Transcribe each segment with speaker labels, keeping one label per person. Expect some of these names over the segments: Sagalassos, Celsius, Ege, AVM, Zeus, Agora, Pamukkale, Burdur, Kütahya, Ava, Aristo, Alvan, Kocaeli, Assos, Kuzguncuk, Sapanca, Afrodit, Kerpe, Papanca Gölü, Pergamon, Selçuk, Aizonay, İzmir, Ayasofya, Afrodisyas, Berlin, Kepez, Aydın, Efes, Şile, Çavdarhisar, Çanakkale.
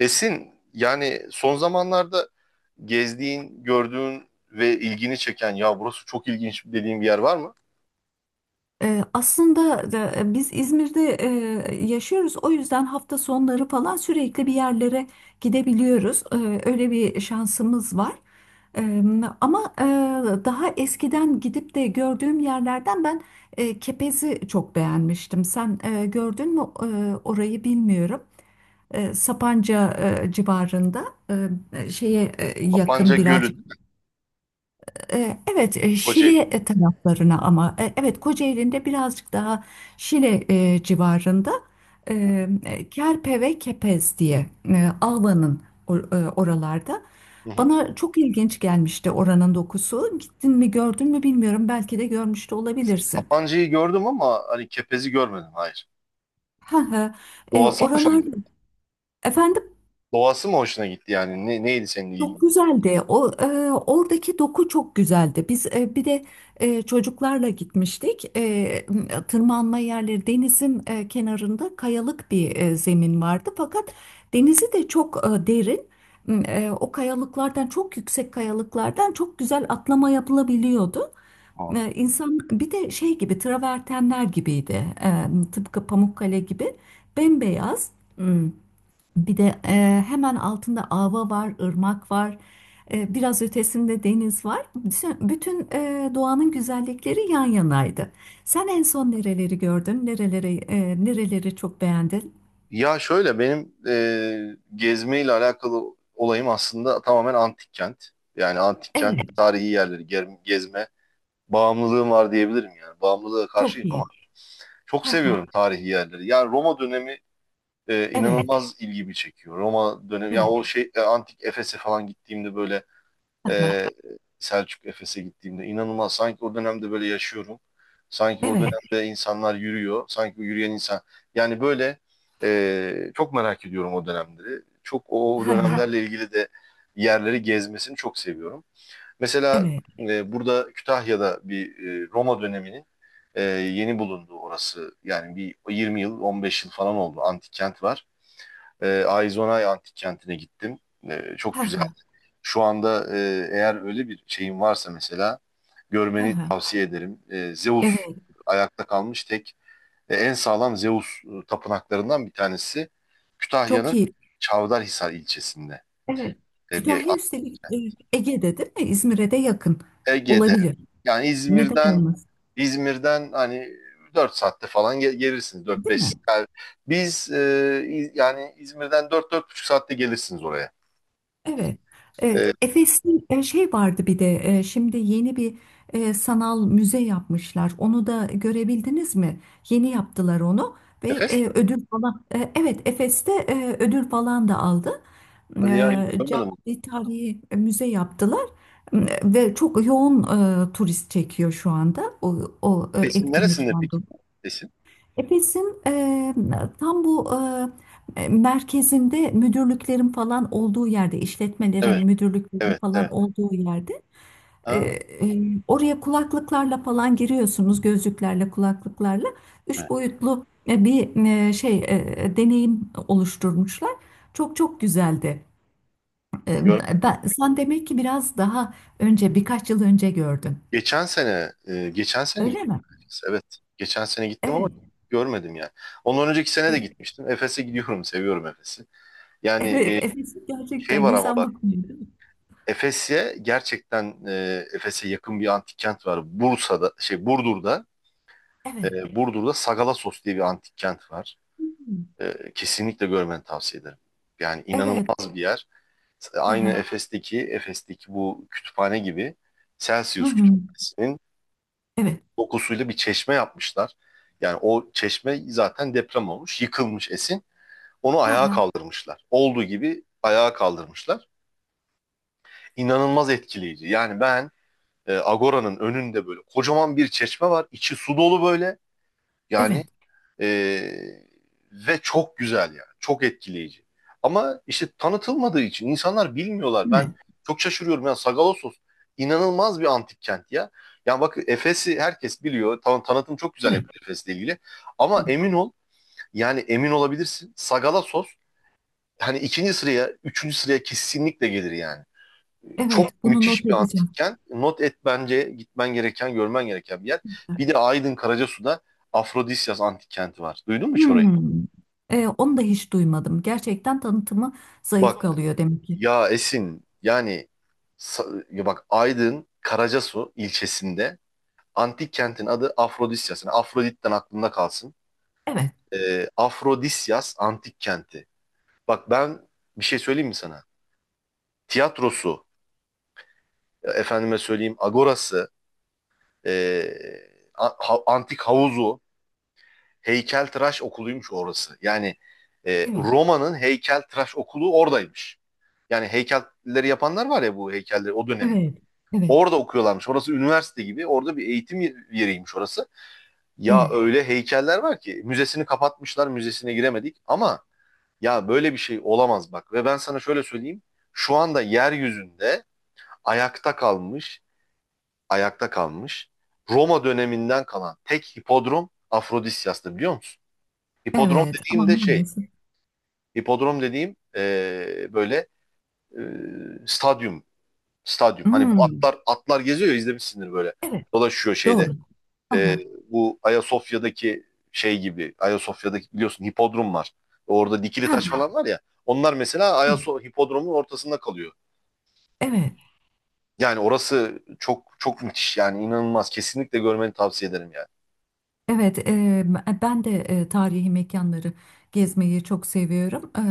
Speaker 1: Esin, yani son zamanlarda gezdiğin, gördüğün ve ilgini çeken ya burası çok ilginç dediğin bir yer var mı?
Speaker 2: Biz İzmir'de yaşıyoruz. O yüzden hafta sonları falan sürekli bir yerlere gidebiliyoruz. Öyle bir şansımız var. Ee, ama e, daha eskiden gidip de gördüğüm yerlerden ben Kepez'i çok beğenmiştim. Sen gördün mü orayı bilmiyorum. Sapanca civarında,
Speaker 1: Papanca
Speaker 2: yakın biraz.
Speaker 1: Gölü değil mi?
Speaker 2: Evet, Şili
Speaker 1: Kocaeli.
Speaker 2: taraflarına, ama evet, Kocaeli'nde birazcık daha Şile civarında e,
Speaker 1: Hı hı.
Speaker 2: Kerpe ve Kepez diye, Alvan'ın oralarda.
Speaker 1: Hı hı.
Speaker 2: Bana çok ilginç gelmişti oranın dokusu. Gittin mi, gördün mü bilmiyorum. Belki de görmüş de olabilirsin.
Speaker 1: Papanca'yı gördüm ama hani Kepez'i görmedim. Hayır.
Speaker 2: Ha ha.
Speaker 1: Doğası mı hoşuna
Speaker 2: Oralar
Speaker 1: gitti?
Speaker 2: efendim.
Speaker 1: Doğası mı hoşuna gitti yani? Ne, neydi senin
Speaker 2: Çok
Speaker 1: ilgin?
Speaker 2: güzeldi. O oradaki doku çok güzeldi. Biz bir de çocuklarla gitmiştik. Tırmanma yerleri, denizin kenarında kayalık bir zemin vardı. Fakat denizi de çok derin. O kayalıklardan, çok yüksek kayalıklardan çok güzel atlama yapılabiliyordu.
Speaker 1: Aa.
Speaker 2: İnsan bir de şey gibi, travertenler gibiydi. Tıpkı Pamukkale gibi bembeyaz. Bir de hemen altında ava var, ırmak var, biraz ötesinde deniz var. Bütün doğanın güzellikleri yan yanaydı. Sen en son nereleri gördün? Nereleri çok beğendin?
Speaker 1: Ya şöyle benim gezmeyle alakalı olayım aslında tamamen antik kent. Yani antik kent,
Speaker 2: Evet,
Speaker 1: tarihi yerleri, gezme bağımlılığım var diyebilirim yani. Bağımlılığa
Speaker 2: çok
Speaker 1: karşıyım ama
Speaker 2: iyi.
Speaker 1: çok
Speaker 2: Ha ha.
Speaker 1: seviyorum tarihi yerleri. Yani Roma dönemi
Speaker 2: Evet,
Speaker 1: inanılmaz ilgimi çekiyor. Roma dönemi ya
Speaker 2: evet.
Speaker 1: o şey antik Efes'e falan gittiğimde böyle
Speaker 2: Ha ha.
Speaker 1: e, Selçuk Efes'e gittiğimde inanılmaz sanki o dönemde böyle yaşıyorum. Sanki o
Speaker 2: Evet.
Speaker 1: dönemde insanlar yürüyor. Sanki o yürüyen insan. Yani böyle çok merak ediyorum o dönemleri. Çok o
Speaker 2: Ha ha.
Speaker 1: dönemlerle ilgili de yerleri gezmesini çok seviyorum. Mesela
Speaker 2: Evet.
Speaker 1: burada Kütahya'da bir Roma döneminin yeni bulunduğu orası yani bir 20 yıl 15 yıl falan oldu antik kent var. Aizonay antik kentine gittim. Çok
Speaker 2: Ha
Speaker 1: güzel.
Speaker 2: ha.
Speaker 1: Şu anda eğer öyle bir şeyin varsa mesela
Speaker 2: Ha
Speaker 1: görmeni
Speaker 2: ha.
Speaker 1: tavsiye ederim. Zeus
Speaker 2: Evet.
Speaker 1: ayakta kalmış tek en sağlam Zeus tapınaklarından bir tanesi
Speaker 2: Çok
Speaker 1: Kütahya'nın
Speaker 2: iyi.
Speaker 1: Çavdarhisar ilçesinde.
Speaker 2: Evet.
Speaker 1: E, bir
Speaker 2: Kütahya üstelik Ege'de, değil mi? İzmir'e de yakın
Speaker 1: Ege'de
Speaker 2: olabilir.
Speaker 1: yani
Speaker 2: Neden
Speaker 1: İzmir'den
Speaker 2: olmasın?
Speaker 1: İzmir'den hani 4 saatte falan gelirsiniz dört
Speaker 2: Değil
Speaker 1: beş. Saat.
Speaker 2: mi?
Speaker 1: Yani biz yani İzmir'den 4 4,5 saatte gelirsiniz oraya.
Speaker 2: Evet.
Speaker 1: E,
Speaker 2: Efes'in şey vardı, bir de şimdi yeni bir sanal müze yapmışlar. Onu da görebildiniz mi? Yeni yaptılar onu ve
Speaker 1: Efes mi?
Speaker 2: ödül falan. Evet, Efes'te ödül falan da aldı.
Speaker 1: Hadi ya hiç
Speaker 2: E,
Speaker 1: görmedim.
Speaker 2: Canlı tarihi müze yaptılar. E, Ve çok yoğun turist çekiyor şu anda o
Speaker 1: Efes'in neresinde
Speaker 2: etkinlikten.
Speaker 1: peki? Efes'in?
Speaker 2: Efes'in tam bu merkezinde, müdürlüklerin falan olduğu yerde, işletmelerin,
Speaker 1: Evet,
Speaker 2: müdürlüklerin
Speaker 1: evet,
Speaker 2: falan
Speaker 1: evet.
Speaker 2: olduğu yerde.
Speaker 1: Ha,
Speaker 2: Oraya kulaklıklarla falan giriyorsunuz, gözlüklerle, kulaklıklarla. Üç
Speaker 1: evet.
Speaker 2: boyutlu bir deneyim oluşturmuşlar. Çok çok güzeldi. E,
Speaker 1: Gör-
Speaker 2: Ben, sen demek ki biraz daha önce, birkaç yıl önce gördün.
Speaker 1: geçen sene
Speaker 2: Öyle
Speaker 1: gittim.
Speaker 2: mi?
Speaker 1: Efes'e, evet. Geçen sene gittim ama
Speaker 2: Evet.
Speaker 1: görmedim yani. Ondan önceki sene de
Speaker 2: E,
Speaker 1: gitmiştim. Efes'e gidiyorum. Seviyorum Efes'i. Yani
Speaker 2: Evet, Efes'i
Speaker 1: şey
Speaker 2: gerçekten
Speaker 1: var ama
Speaker 2: insan bakmıyor, değil mi?
Speaker 1: Efes'e gerçekten Efes'e yakın bir antik kent var. Bursa'da şey Burdur'da
Speaker 2: Evet.
Speaker 1: e, Burdur'da Sagalassos diye bir antik kent var. Kesinlikle görmeni tavsiye ederim. Yani
Speaker 2: Evet.
Speaker 1: inanılmaz bir yer.
Speaker 2: Hı
Speaker 1: Aynı
Speaker 2: hı.
Speaker 1: Efes'teki bu kütüphane gibi
Speaker 2: Hı
Speaker 1: Celsius
Speaker 2: hı.
Speaker 1: kütüphanesinin
Speaker 2: Evet.
Speaker 1: dokusuyla bir çeşme yapmışlar. Yani o çeşme zaten deprem olmuş, yıkılmış Esin. Onu
Speaker 2: Hı
Speaker 1: ayağa
Speaker 2: hı.
Speaker 1: kaldırmışlar. Olduğu gibi ayağa kaldırmışlar. İnanılmaz etkileyici. Yani ben Agora'nın önünde böyle kocaman bir çeşme var. İçi su dolu böyle. Yani
Speaker 2: Evet.
Speaker 1: e, ve çok güzel yani. Çok etkileyici. Ama işte tanıtılmadığı için insanlar bilmiyorlar. Ben
Speaker 2: Evet.
Speaker 1: çok şaşırıyorum. Yani Sagalassos inanılmaz bir antik kent ya. Yani bak Efes'i herkes biliyor. Tanıtım çok güzel
Speaker 2: Evet.
Speaker 1: yapıyor Efes'le ilgili. Ama
Speaker 2: Tamam.
Speaker 1: emin ol yani emin olabilirsin. Sagalassos hani ikinci sıraya, üçüncü sıraya kesinlikle gelir yani. Çok
Speaker 2: Evet. Bunu not
Speaker 1: müthiş bir
Speaker 2: edeceğim.
Speaker 1: antikken not et bence gitmen gereken, görmen gereken bir yer. Bir de Aydın Karacasu'da Afrodisyas antik kenti var. Duydun mu hiç orayı?
Speaker 2: Hmm. Onu da hiç duymadım. Gerçekten tanıtımı zayıf
Speaker 1: Bak
Speaker 2: kalıyor demek ki.
Speaker 1: ya Esin yani ya bak Aydın Karacasu ilçesinde antik kentin adı Afrodisyas. Yani Afrodit'ten aklında kalsın.
Speaker 2: Evet.
Speaker 1: Afrodisyas antik kenti. Bak ben bir şey söyleyeyim mi sana? Tiyatrosu, efendime söyleyeyim agorası, e, antik havuzu, heykeltıraş okuluymuş orası. Yani
Speaker 2: Evet.
Speaker 1: Roma'nın heykeltıraş okulu oradaymış. Yani heykelleri yapanlar var ya bu heykelleri o dönemin.
Speaker 2: Evet. Evet.
Speaker 1: Orada okuyorlarmış. Orası üniversite gibi. Orada bir eğitim yeriymiş orası. Ya
Speaker 2: Evet.
Speaker 1: öyle heykeller var ki müzesini kapatmışlar, müzesine giremedik ama ya böyle bir şey olamaz bak. Ve ben sana şöyle söyleyeyim. Şu anda yeryüzünde ayakta kalmış, ayakta kalmış Roma döneminden kalan tek hipodrom Afrodisyas'tı biliyor musun? Hipodrom
Speaker 2: Evet. Ama
Speaker 1: dediğim de şey,
Speaker 2: maalesef.
Speaker 1: hipodrom dediğim böyle e, stadyum. Stadyum. Hani bu
Speaker 2: Hmm.
Speaker 1: atlar geziyor ya izlemişsindir böyle.
Speaker 2: Evet.
Speaker 1: Dolaşıyor şeyde.
Speaker 2: Doğru.
Speaker 1: E,
Speaker 2: Aha.
Speaker 1: bu Ayasofya'daki şey gibi. Ayasofya'daki biliyorsun hipodrom var. Orada dikili
Speaker 2: Ha.
Speaker 1: taş falan var ya. Onlar mesela
Speaker 2: Evet.
Speaker 1: Ayasofya hipodromun ortasında kalıyor.
Speaker 2: Evet.
Speaker 1: Yani orası çok çok müthiş yani inanılmaz. Kesinlikle görmeni tavsiye ederim yani.
Speaker 2: Evet, ben de tarihi mekanları gezmeyi çok seviyorum.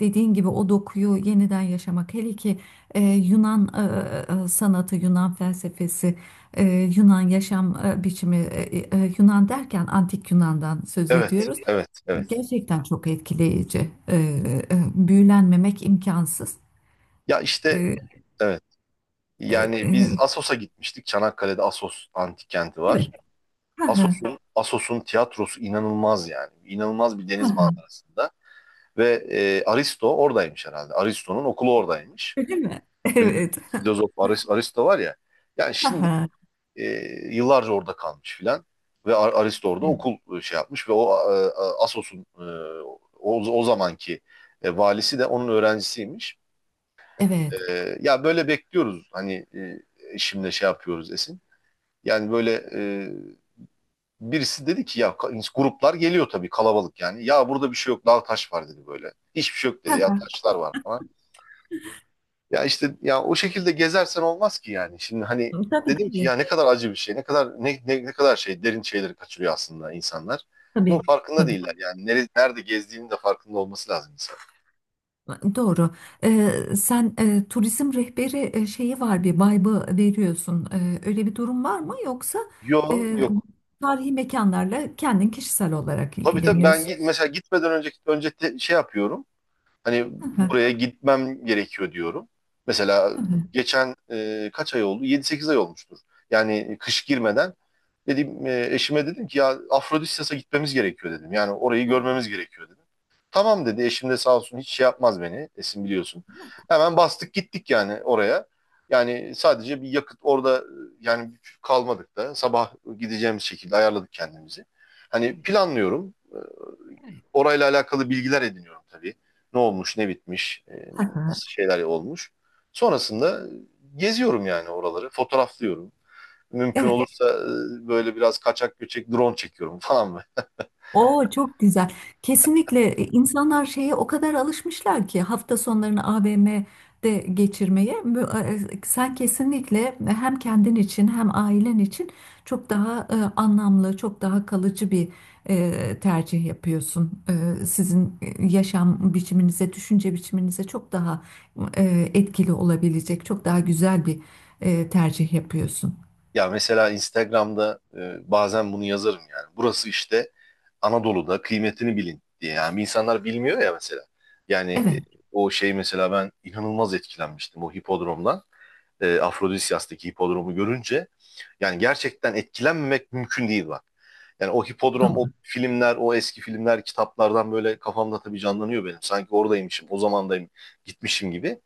Speaker 2: Dediğin gibi o dokuyu yeniden yaşamak, hele ki Yunan sanatı, Yunan felsefesi, Yunan yaşam biçimi, Yunan derken antik Yunan'dan söz
Speaker 1: Evet,
Speaker 2: ediyoruz.
Speaker 1: evet, evet.
Speaker 2: Gerçekten çok etkileyici. Büyülenmemek imkansız.
Speaker 1: Ya işte
Speaker 2: Eee,
Speaker 1: evet.
Speaker 2: eee,
Speaker 1: Yani biz
Speaker 2: eee,
Speaker 1: Assos'a gitmiştik. Çanakkale'de Assos antik kenti var.
Speaker 2: evet. Ha ha.
Speaker 1: Assos'un tiyatrosu inanılmaz yani. İnanılmaz bir
Speaker 2: Ha
Speaker 1: deniz
Speaker 2: ha.
Speaker 1: manzarasında ve Aristo oradaymış herhalde. Aristo'nun okulu oradaymış.
Speaker 2: Öyle mi? Evet.
Speaker 1: Filozof Aristo var ya. Yani
Speaker 2: Ha
Speaker 1: şimdi
Speaker 2: ha.
Speaker 1: e, yıllarca orada kalmış filan ve Aristo orada okul şey yapmış ve o Assos'un o zamanki valisi de onun öğrencisiymiş.
Speaker 2: Evet.
Speaker 1: Ya böyle bekliyoruz hani şimdi şey yapıyoruz Esin. Yani böyle birisi dedi ki ya gruplar geliyor tabii kalabalık yani. Ya burada bir şey yok daha taş var dedi böyle. Hiçbir şey yok
Speaker 2: Ha
Speaker 1: dedi ya
Speaker 2: ha.
Speaker 1: taşlar var falan. Ya işte ya o şekilde gezersen olmaz ki yani. Şimdi hani dedim ki
Speaker 2: Tabii.
Speaker 1: ya ne kadar acı bir şey. Ne kadar ne kadar şey derin şeyleri kaçırıyor aslında insanlar. Bunun
Speaker 2: Tabii,
Speaker 1: farkında
Speaker 2: tabii.
Speaker 1: değiller yani. Nerede, nerede gezdiğinin de farkında olması lazım insan.
Speaker 2: Doğru. Sen turizm rehberi şeyi var, bir vibe'ı veriyorsun. Öyle bir durum var mı? Yoksa
Speaker 1: Yok
Speaker 2: e,
Speaker 1: yok.
Speaker 2: tarihi mekanlarla kendin, kişisel olarak
Speaker 1: Tabii tabii ben
Speaker 2: ilgileniyorsun.
Speaker 1: git, mesela gitmeden önceki önce şey yapıyorum. Hani
Speaker 2: Hı hı,
Speaker 1: buraya gitmem gerekiyor diyorum. Mesela
Speaker 2: hı hı.
Speaker 1: geçen kaç ay oldu? 7 8 ay olmuştur. Yani kış girmeden dedim eşime dedim ki ya Afrodisyas'a gitmemiz gerekiyor dedim. Yani orayı
Speaker 2: Hı
Speaker 1: görmemiz gerekiyor dedim. Tamam dedi. Eşim de sağ olsun hiç şey yapmaz beni. Esin biliyorsun. Hemen bastık gittik yani oraya. Yani sadece bir yakıt orada yani kalmadık da sabah gideceğimiz şekilde ayarladık kendimizi.
Speaker 2: hı,
Speaker 1: Hani planlıyorum.
Speaker 2: Evet, evet.
Speaker 1: Orayla alakalı bilgiler ediniyorum tabii. Ne olmuş, ne bitmiş,
Speaker 2: Hı
Speaker 1: nasıl şeyler olmuş. Sonrasında geziyorum yani oraları, fotoğraflıyorum. Mümkün
Speaker 2: hı.
Speaker 1: olursa böyle biraz kaçak göçek drone çekiyorum falan.
Speaker 2: Oo, çok güzel. Kesinlikle insanlar şeye o kadar alışmışlar ki hafta sonlarını AVM'de geçirmeye. Sen kesinlikle hem kendin için hem ailen için çok daha anlamlı, çok daha kalıcı bir tercih yapıyorsun. Sizin yaşam biçiminize, düşünce biçiminize çok daha etkili olabilecek, çok daha güzel bir tercih yapıyorsun.
Speaker 1: Ya mesela Instagram'da bazen bunu yazarım yani. Burası işte Anadolu'da kıymetini bilin diye. Yani insanlar bilmiyor ya mesela. Yani
Speaker 2: Evet,
Speaker 1: o şey mesela ben inanılmaz etkilenmiştim o hipodromdan. Afrodisyas'taki hipodromu görünce. Yani gerçekten etkilenmemek mümkün değil bak. Yani o hipodrom, o
Speaker 2: doğru.
Speaker 1: filmler, o eski filmler, kitaplardan böyle kafamda tabii canlanıyor benim. Sanki oradaymışım, o zamandayım, gitmişim gibi.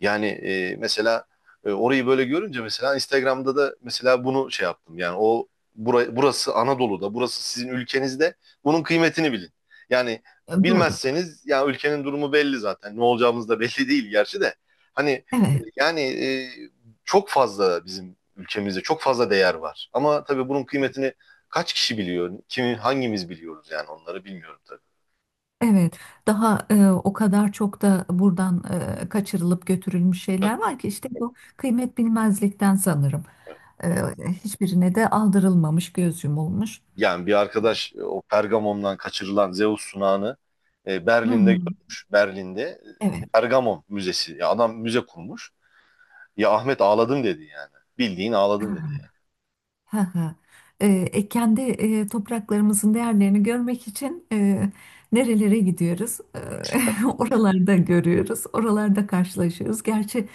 Speaker 1: Yani mesela orayı böyle görünce mesela Instagram'da da mesela bunu şey yaptım. Yani o burası Anadolu'da, burası sizin ülkenizde. Bunun kıymetini bilin. Yani
Speaker 2: Doğru.
Speaker 1: bilmezseniz ya ülkenin durumu belli zaten. Ne olacağımız da belli değil gerçi de. Hani
Speaker 2: Evet.
Speaker 1: yani çok fazla bizim ülkemizde çok fazla değer var. Ama tabii bunun kıymetini kaç kişi biliyor? Kimi hangimiz biliyoruz yani onları bilmiyorum tabii.
Speaker 2: Evet, daha o kadar çok da buradan kaçırılıp götürülmüş şeyler var ki, işte bu kıymet bilmezlikten sanırım. E, Hiçbirine de aldırılmamış, göz yumulmuş.
Speaker 1: Yani bir arkadaş o Pergamon'dan kaçırılan Zeus sunağını
Speaker 2: Hı
Speaker 1: Berlin'de
Speaker 2: hı.
Speaker 1: görmüş. Berlin'de
Speaker 2: Evet.
Speaker 1: Pergamon Müzesi. Ya adam müze kurmuş. Ya Ahmet ağladım dedi yani. Bildiğin ağladım dedi.
Speaker 2: Hı hı. Ee, Kendi topraklarımızın değerlerini görmek için nerelere gidiyoruz? Oralarda görüyoruz, oralarda karşılaşıyoruz. Gerçi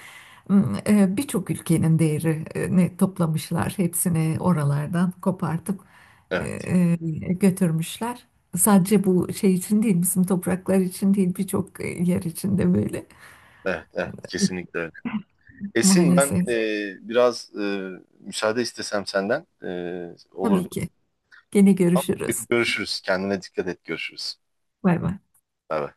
Speaker 2: birçok ülkenin değerini toplamışlar, hepsini oralardan kopartıp e,
Speaker 1: Evet,
Speaker 2: e, götürmüşler. Sadece bu şey için değil, bizim topraklar için değil, birçok yer için de böyle
Speaker 1: evet, evet. Kesinlikle öyle. Esin ben
Speaker 2: maalesef.
Speaker 1: biraz müsaade istesem senden olur.
Speaker 2: Tabii ki. Gene görüşürüz.
Speaker 1: Görüşürüz. Kendine dikkat et. Görüşürüz.
Speaker 2: Bay bay.
Speaker 1: Evet.